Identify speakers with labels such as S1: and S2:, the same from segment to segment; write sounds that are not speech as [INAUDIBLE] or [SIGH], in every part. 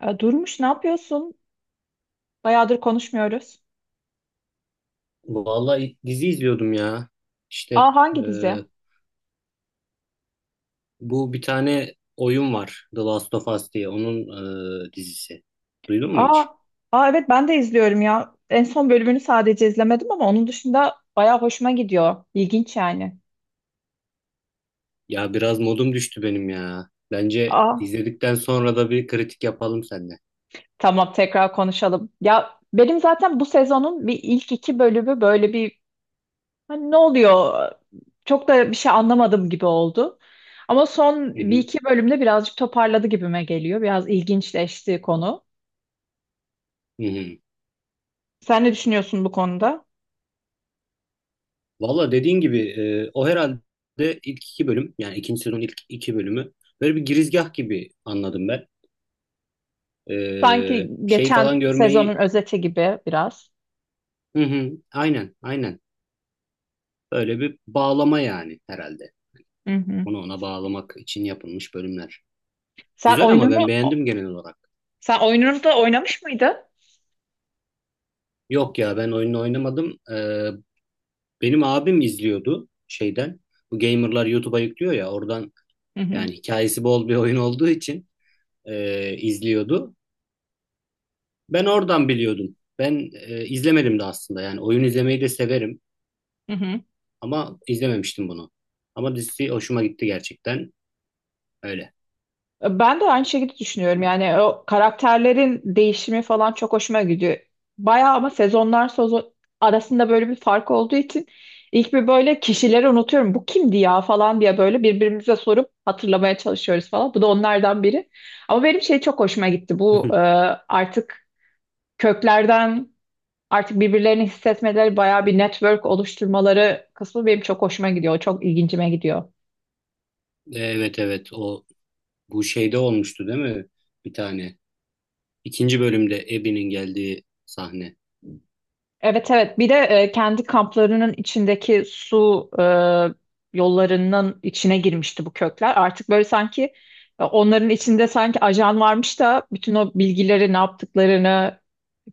S1: Durmuş ne yapıyorsun? Bayağıdır konuşmuyoruz.
S2: Vallahi dizi izliyordum ya.
S1: Aa,
S2: İşte
S1: hangi dizi?
S2: bu bir tane oyun var, The Last of Us diye. Onun dizisi. Duydun mu
S1: Aa,
S2: hiç?
S1: aa, evet ben de izliyorum ya. En son bölümünü sadece izlemedim ama onun dışında bayağı hoşuma gidiyor. İlginç yani.
S2: Ya biraz modum düştü benim ya. Bence
S1: Aa,
S2: izledikten sonra da bir kritik yapalım seninle.
S1: tamam, tekrar konuşalım. Ya benim zaten bu sezonun bir ilk iki bölümü böyle bir, hani, ne oluyor? Çok da bir şey anlamadım gibi oldu. Ama son
S2: Hı
S1: bir
S2: hı.
S1: iki bölümde birazcık toparladı gibime geliyor. Biraz ilginçleşti konu.
S2: Hı hı.
S1: Sen ne düşünüyorsun bu konuda?
S2: Valla dediğin gibi o herhalde ilk iki bölüm, yani ikinci sezonun ilk iki bölümü böyle bir girizgah gibi anladım ben.
S1: Sanki
S2: Şey falan
S1: geçen sezonun
S2: görmeyi
S1: özeti gibi biraz.
S2: hı hı, aynen aynen, böyle bir bağlama yani herhalde.
S1: Hı hı.
S2: Onu ona bağlamak için yapılmış bölümler.
S1: Sen
S2: Güzel, ama
S1: oyununu
S2: ben beğendim genel olarak.
S1: sen oyununu da oynamış mıydın?
S2: Yok ya, ben oyunu oynamadım. Benim abim izliyordu şeyden. Bu gamerlar YouTube'a yüklüyor ya, oradan,
S1: Hı hı.
S2: yani hikayesi bol bir oyun olduğu için izliyordu. Ben oradan biliyordum. Ben izlemedim de aslında, yani oyun izlemeyi de severim
S1: Hı hı.
S2: ama izlememiştim bunu. Ama dizisi hoşuma gitti gerçekten, öyle.
S1: Ben de aynı şekilde düşünüyorum. Yani o karakterlerin değişimi falan çok hoşuma gidiyor. Bayağı ama sezon arasında böyle bir fark olduğu için ilk bir böyle kişileri unutuyorum. Bu kimdi ya falan diye böyle birbirimize sorup hatırlamaya çalışıyoruz falan. Bu da onlardan biri. Ama benim şey çok hoşuma gitti.
S2: [LAUGHS]
S1: Artık köklerden, artık birbirlerini hissetmeleri, bayağı bir network oluşturmaları kısmı benim çok hoşuma gidiyor. Çok ilgincime gidiyor.
S2: Evet evet, o bu şeyde olmuştu değil mi? Bir tane. İkinci bölümde Abby'nin geldiği sahne.
S1: Evet evet, bir de kendi kamplarının içindeki su, yollarının içine girmişti bu kökler. Artık böyle sanki onların içinde sanki ajan varmış da bütün o bilgileri ne yaptıklarını,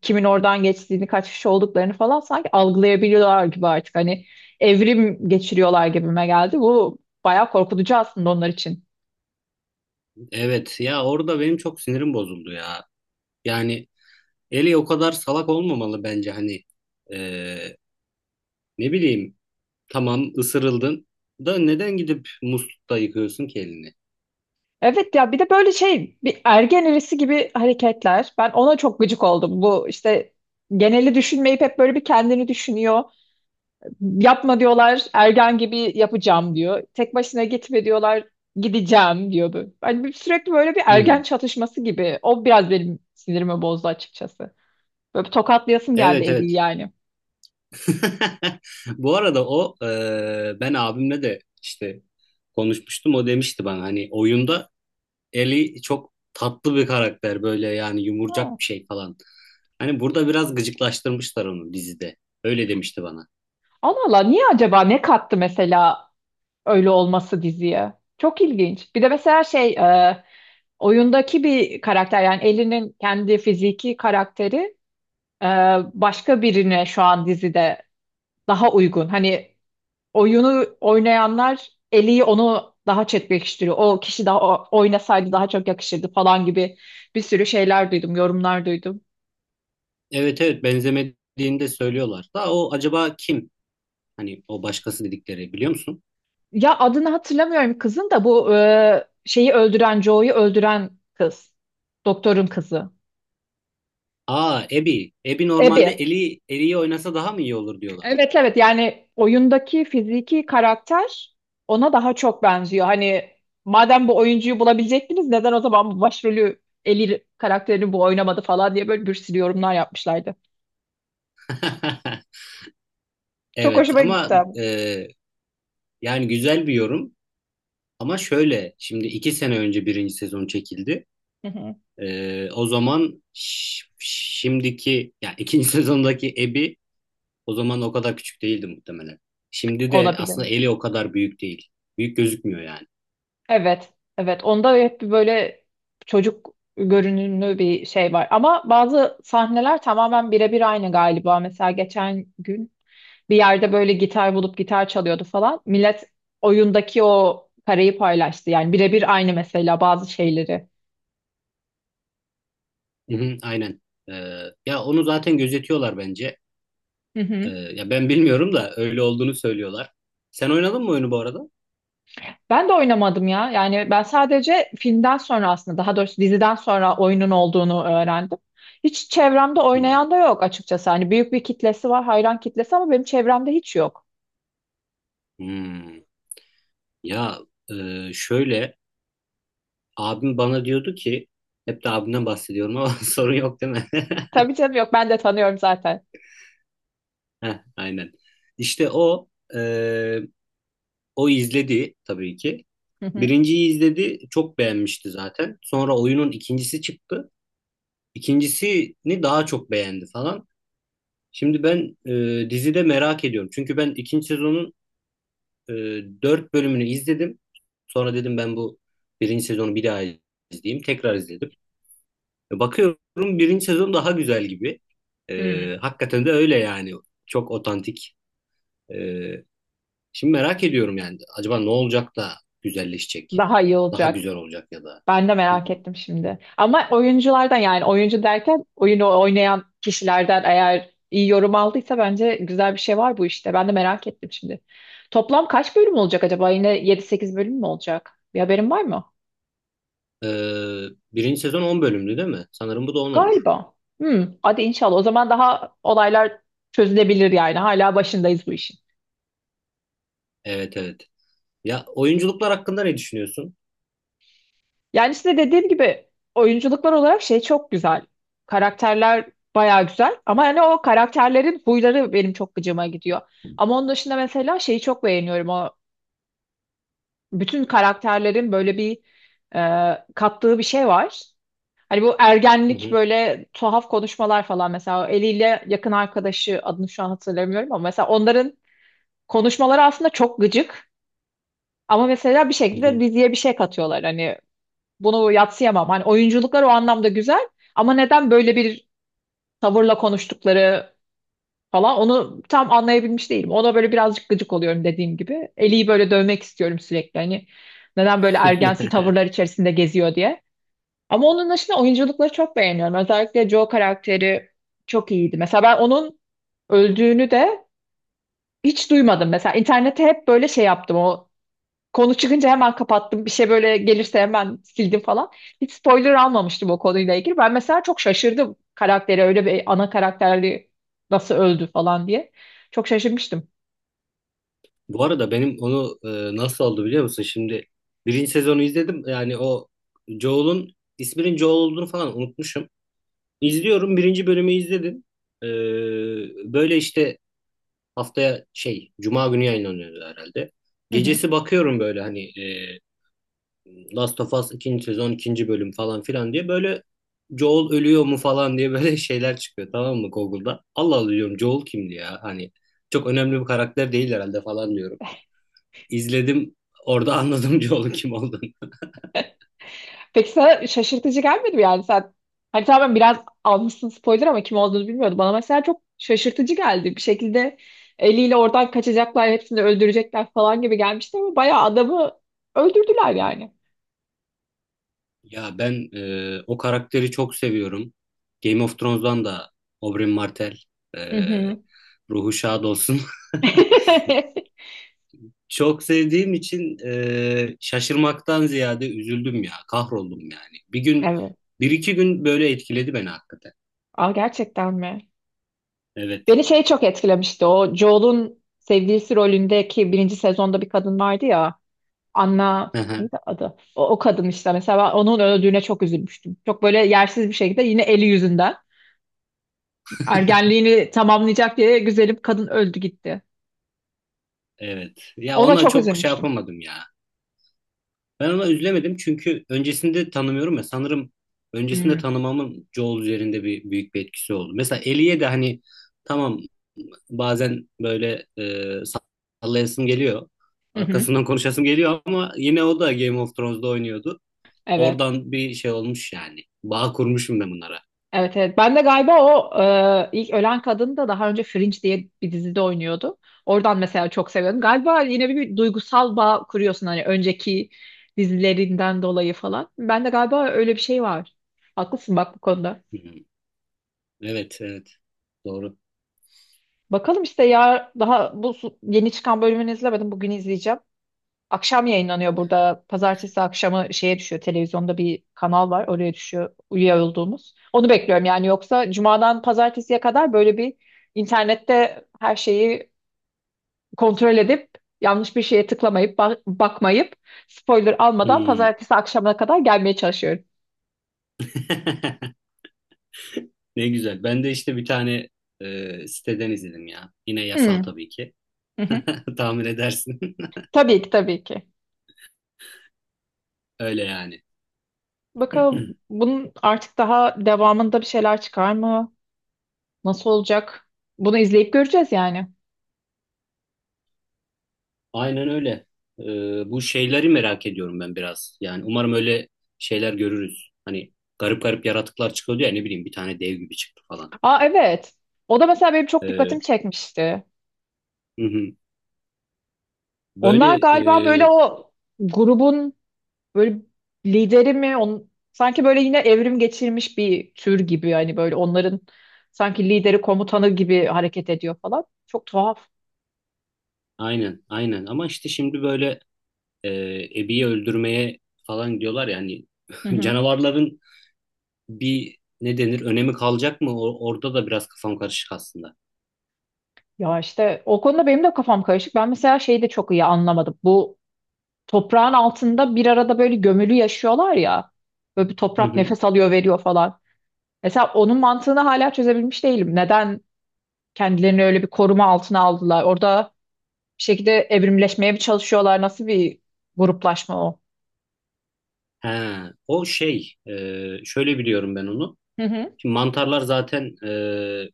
S1: kimin oradan geçtiğini, kaç kişi olduklarını falan sanki algılayabiliyorlar gibi artık. Hani evrim geçiriyorlar gibime geldi. Bu bayağı korkutucu aslında onlar için.
S2: Evet ya, orada benim çok sinirim bozuldu ya. Yani Ellie o kadar salak olmamalı bence, hani Ee, ne bileyim, tamam ısırıldın da neden gidip muslukta yıkıyorsun ki elini?
S1: Evet ya, bir de böyle şey, bir ergen erisi gibi hareketler. Ben ona çok gıcık oldum. Bu işte geneli düşünmeyip hep böyle bir kendini düşünüyor. Yapma diyorlar, ergen gibi yapacağım diyor. Tek başına gitme diyorlar, gideceğim diyordu. Hani sürekli böyle bir
S2: Hı
S1: ergen
S2: hı.
S1: çatışması gibi. O biraz benim sinirimi bozdu açıkçası. Böyle bir tokatlayasım geldi
S2: Evet
S1: Eli'yi
S2: evet.
S1: yani.
S2: [LAUGHS] Bu arada o ben abimle de işte konuşmuştum, o demişti bana hani oyunda Ellie çok tatlı bir karakter, böyle yani
S1: Ha.
S2: yumurcak bir şey falan. Hani burada biraz gıcıklaştırmışlar onu dizide. Öyle demişti bana.
S1: Allah Allah, niye acaba, ne kattı mesela öyle olması diziye. Çok ilginç. Bir de mesela oyundaki bir karakter, yani Ellie'nin kendi fiziki karakteri e, başka birine şu an dizide daha uygun. Hani oyunu oynayanlar Ellie'yi onu daha çekleştiriyor. O kişi daha oynasaydı daha çok yakışırdı falan gibi bir sürü şeyler duydum, yorumlar duydum.
S2: Evet evet, benzemediğini de söylüyorlar. Da o acaba kim? Hani o başkası dedikleri, biliyor musun?
S1: Ya adını hatırlamıyorum kızın, da bu şeyi öldüren, Joe'yu öldüren kız. Doktorun kızı.
S2: Aa, Abby. Abby normalde
S1: Abby.
S2: Ellie, Ellie'yi oynasa daha mı iyi olur diyorlar.
S1: Evet evet, yani oyundaki fiziki karakter ona daha çok benziyor. Hani madem bu oyuncuyu bulabilecektiniz, neden o zaman bu başrolü, Ellie karakterini, bu oynamadı falan diye böyle bir sürü yorumlar yapmışlardı.
S2: [LAUGHS]
S1: Çok
S2: Evet
S1: hoşuma
S2: ama
S1: gitti abi.
S2: e, yani güzel bir yorum. Ama şöyle, şimdi iki sene önce birinci sezon çekildi.
S1: Hı hı.
S2: O zaman şimdiki yani ikinci [LAUGHS] sezondaki Abby o zaman o kadar küçük değildi muhtemelen. Şimdi de
S1: Olabilir.
S2: aslında Ellie o kadar büyük değil. Büyük gözükmüyor yani.
S1: Evet evet, onda hep bir böyle çocuk görünümlü bir şey var. Ama bazı sahneler tamamen birebir aynı galiba. Mesela geçen gün bir yerde böyle gitar bulup gitar çalıyordu falan. Millet oyundaki o parayı paylaştı. Yani birebir aynı mesela bazı şeyleri.
S2: Hı hı, aynen. Ee, Ya onu zaten gözetiyorlar bence.
S1: Hı hı.
S2: Ya ben bilmiyorum da öyle olduğunu söylüyorlar. Sen oynadın mı oyunu bu arada?
S1: Ben de oynamadım ya. Yani ben sadece filmden sonra, aslında daha doğrusu diziden sonra oyunun olduğunu öğrendim. Hiç çevremde
S2: Hmm,
S1: oynayan da yok açıkçası. Hani büyük bir kitlesi var, hayran kitlesi, ama benim çevremde hiç yok.
S2: hmm. Ya şöyle, abim bana diyordu ki, hep de abimden bahsediyorum ama [LAUGHS] sorun yok değil mi? [LAUGHS]
S1: Tabii canım, yok. Ben de tanıyorum zaten.
S2: Heh, aynen. İşte o e, o izledi tabii ki.
S1: Hı hı.
S2: Birinciyi izledi, çok beğenmişti zaten. Sonra oyunun ikincisi çıktı. İkincisini daha çok beğendi falan. Şimdi ben dizide merak ediyorum. Çünkü ben ikinci sezonun e, dört bölümünü izledim. Sonra dedim ben bu birinci sezonu bir daha izleyeyim. Tekrar izledim. Bakıyorum birinci sezon daha güzel gibi.
S1: Hmm.
S2: Hakikaten de öyle yani. Çok otantik. E, Şimdi merak ediyorum yani. Acaba ne olacak da güzelleşecek?
S1: Daha iyi
S2: Daha
S1: olacak.
S2: güzel olacak ya da.
S1: Ben de
S2: Hı hı.
S1: merak ettim şimdi. Ama oyunculardan, yani oyuncu derken oyunu oynayan kişilerden eğer iyi yorum aldıysa bence güzel bir şey var bu işte. Ben de merak ettim şimdi. Toplam kaç bölüm olacak acaba? Yine yedi sekiz bölüm mü olacak? Bir haberin var mı?
S2: Birinci sezon 10 bölümlü değil mi? Sanırım bu da on olur.
S1: Galiba. Hmm, hadi inşallah. O zaman daha olaylar çözülebilir yani. Hala başındayız bu işin.
S2: Evet evet. Ya, oyunculuklar hakkında ne düşünüyorsun?
S1: Yani size dediğim gibi oyunculuklar olarak şey çok güzel. Karakterler bayağı güzel ama yani o karakterlerin huyları benim çok gıcıma gidiyor. Ama onun dışında mesela şeyi çok beğeniyorum. O bütün karakterlerin böyle bir kattığı bir şey var. Hani bu
S2: Hı
S1: ergenlik
S2: hı,
S1: böyle tuhaf konuşmalar falan, mesela o eliyle yakın arkadaşı, adını şu an hatırlamıyorum, ama mesela onların konuşmaları aslında çok gıcık. Ama mesela bir
S2: hı
S1: şekilde
S2: hı.
S1: diziye bir şey katıyorlar. Hani bunu yadsıyamam. Hani oyunculuklar o anlamda güzel, ama neden böyle bir tavırla konuştukları falan, onu tam anlayabilmiş değilim. Ona böyle birazcık gıcık oluyorum dediğim gibi. Eli'yi böyle dövmek istiyorum sürekli. Hani neden böyle ergensi tavırlar içerisinde geziyor diye. Ama onun dışında oyunculukları çok beğeniyorum. Özellikle Joe karakteri çok iyiydi. Mesela ben onun öldüğünü de hiç duymadım. Mesela internette hep böyle şey yaptım. O konu çıkınca hemen kapattım. Bir şey böyle gelirse hemen sildim falan. Hiç spoiler almamıştım o konuyla ilgili. Ben mesela çok şaşırdım, karakteri öyle bir ana karakterli nasıl öldü falan diye. Çok şaşırmıştım.
S2: [LAUGHS] Bu arada benim onu nasıl oldu biliyor musun? Şimdi birinci sezonu izledim. Yani o Joel'un isminin Joel olduğunu falan unutmuşum. İzliyorum. Birinci bölümü izledim. Ee, Böyle işte, haftaya şey Cuma günü yayınlanıyordu herhalde.
S1: Hı hı.
S2: Gecesi bakıyorum böyle, hani Last of Us ikinci sezon ikinci bölüm falan filan diye, böyle Joel ölüyor mu falan diye böyle [LAUGHS] şeyler çıkıyor, tamam mı, Google'da. Allah Allah diyorum, Joel kimdi ya, hani çok önemli bir karakter değil herhalde falan diyorum. İzledim, orada anladım [LAUGHS] Joel'un kim olduğunu.
S1: Peki sana şaşırtıcı gelmedi mi, yani sen? Hani tamam, biraz almışsın spoiler, ama kim olduğunu bilmiyordum. Bana mesela çok şaşırtıcı geldi. Bir şekilde eliyle oradan kaçacaklar, hepsini öldürecekler falan gibi gelmişti, ama bayağı adamı öldürdüler yani.
S2: Ya ben o karakteri çok seviyorum. Game of Thrones'dan da Oberyn Martell, e,
S1: Hı hı.
S2: ruhu şad olsun. [LAUGHS]
S1: [LAUGHS]
S2: Çok sevdiğim için şaşırmaktan ziyade üzüldüm ya, kahroldum yani. Bir gün,
S1: Evet.
S2: bir iki gün böyle etkiledi beni hakikaten.
S1: Aa, gerçekten mi? Beni
S2: Evet,
S1: şey çok etkilemişti. O Joel'un sevgilisi rolündeki birinci sezonda bir kadın vardı ya. Anna neydi
S2: [LAUGHS]
S1: adı? O, o kadın işte, mesela ben onun öldüğüne çok üzülmüştüm. Çok böyle yersiz bir şekilde, yine eli yüzünden. Ergenliğini tamamlayacak diye güzelim kadın öldü gitti.
S2: evet. Ya
S1: Ona
S2: ona
S1: çok
S2: çok şey
S1: üzülmüştüm.
S2: yapamadım ya. Ben ona üzülemedim çünkü öncesinde tanımıyorum ya. Sanırım öncesinde
S1: Hmm,
S2: tanımamın Joel üzerinde bir büyük bir etkisi oldu. Mesela Ellie'ye de hani tamam, bazen böyle sallayasım geliyor.
S1: hı hı.
S2: Arkasından konuşasım geliyor, ama yine o da Game of Thrones'da oynuyordu.
S1: Evet.
S2: Oradan bir şey olmuş yani. Bağ kurmuşum ben bunlara.
S1: Evet evet. Ben de galiba o ilk ölen kadın da daha önce Fringe diye bir dizide oynuyordu. Oradan mesela çok seviyordum. Galiba yine bir duygusal bağ kuruyorsun, hani önceki dizilerinden dolayı falan. Ben de galiba öyle bir şey var. Haklısın bak bu konuda.
S2: Hmm. Evet, evet. Doğru.
S1: Bakalım işte ya, daha yeni çıkan bölümünü izlemedim. Bugün izleyeceğim. Akşam yayınlanıyor burada. Pazartesi akşamı şeye düşüyor. Televizyonda bir kanal var. Oraya düşüyor, üye olduğumuz. Onu bekliyorum yani. Yoksa cumadan pazartesiye kadar böyle bir internette her şeyi kontrol edip, yanlış bir şeye tıklamayıp, bakmayıp, spoiler almadan
S2: Hmm.
S1: pazartesi akşamına kadar gelmeye çalışıyorum.
S2: [LAUGHS] Ne güzel. Ben de işte bir tane siteden izledim ya. Yine yasal
S1: Hmm.
S2: tabii ki.
S1: Hı hı.
S2: [LAUGHS] Tahmin edersin. [LAUGHS]
S1: Tabii ki, tabii ki.
S2: Öyle yani.
S1: Bakalım
S2: [CLEARS THROAT]
S1: bunun artık daha devamında bir şeyler çıkar mı? Nasıl olacak? Bunu izleyip göreceğiz yani.
S2: Aynen öyle. Bu şeyleri merak ediyorum ben biraz. Yani umarım öyle şeyler görürüz. Hani garip garip yaratıklar çıkıyordu ya, ne bileyim bir tane dev gibi çıktı falan.
S1: Aa evet. O da mesela benim çok dikkatimi
S2: Ee,
S1: çekmişti.
S2: hı hı.
S1: Onlar
S2: Böyle
S1: galiba böyle
S2: e,
S1: o grubun böyle lideri mi? On, sanki böyle yine evrim geçirmiş bir tür gibi. Yani böyle onların sanki lideri, komutanı gibi hareket ediyor falan. Çok tuhaf.
S2: aynen aynen, ama işte şimdi böyle e, Abby'yi öldürmeye falan diyorlar ya, hani
S1: Hı
S2: [LAUGHS]
S1: hı.
S2: canavarların bir, ne denir, önemi kalacak mı? Orada da biraz kafam karışık aslında.
S1: Ya işte o konuda benim de kafam karışık. Ben mesela şeyi de çok iyi anlamadım. Bu toprağın altında bir arada böyle gömülü yaşıyorlar ya. Böyle bir
S2: Hı
S1: toprak
S2: hı.
S1: nefes alıyor veriyor falan. Mesela onun mantığını hala çözebilmiş değilim. Neden kendilerini öyle bir koruma altına aldılar? Orada bir şekilde evrimleşmeye mi çalışıyorlar? Nasıl bir gruplaşma o?
S2: He, o şey şöyle biliyorum ben onu.
S1: Hı hı,
S2: Şimdi mantarlar zaten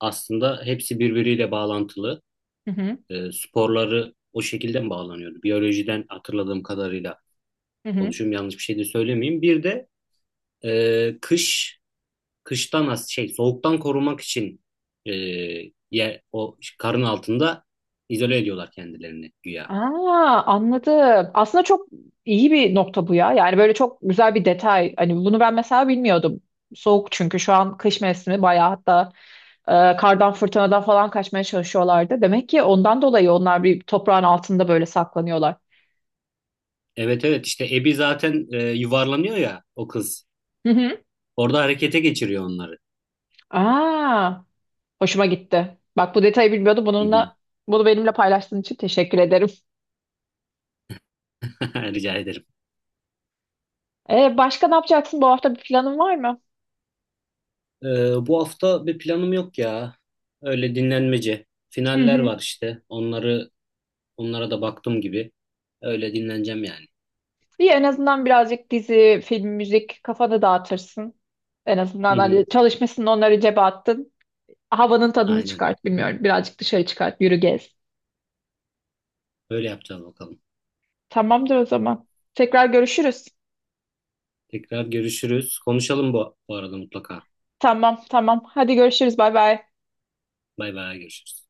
S2: aslında hepsi birbiriyle bağlantılı.
S1: hı hı,
S2: Sporları o şekilde mi bağlanıyordu? Biyolojiden hatırladığım kadarıyla
S1: hı hı.
S2: konuşuyorum, yanlış bir şey de söylemeyeyim. Bir de kış şey soğuktan korumak için e, yer o karın altında izole ediyorlar kendilerini güya.
S1: Aa, anladım. Aslında çok iyi bir nokta bu ya. Yani böyle çok güzel bir detay. Hani bunu ben mesela bilmiyordum. Soğuk, çünkü şu an kış mevsimi, bayağı hatta kardan, fırtınadan falan kaçmaya çalışıyorlardı. Demek ki ondan dolayı onlar bir toprağın altında böyle saklanıyorlar.
S2: Evet evet, işte Abby zaten yuvarlanıyor ya o kız.
S1: Hı hı.
S2: Orada harekete geçiriyor onları.
S1: Aa. Hoşuma gitti. Bak bu detayı bilmiyordum.
S2: Hı hı.
S1: Bunu benimle paylaştığın için teşekkür ederim.
S2: [LAUGHS] Rica ederim.
S1: Başka ne yapacaksın? Bu hafta bir planın var mı?
S2: E, Bu hafta bir planım yok ya. Öyle dinlenmece.
S1: Hı
S2: Finaller
S1: hı.
S2: var işte. Onlara da baktım gibi. Öyle dinleneceğim yani.
S1: İyi, en azından birazcık dizi, film, müzik kafanı dağıtırsın. En
S2: Hı
S1: azından hani
S2: hı.
S1: çalışmışsın, onları cebe attın. Havanın tadını
S2: Aynen.
S1: çıkart,
S2: Hı.
S1: bilmiyorum. Birazcık dışarı çıkart, yürü, gez.
S2: Öyle yapacağız bakalım.
S1: Tamamdır o zaman. Tekrar görüşürüz.
S2: Tekrar görüşürüz. Konuşalım bu arada mutlaka.
S1: Tamam, tamam. Hadi görüşürüz. Bay bay.
S2: Bay bay, görüşürüz.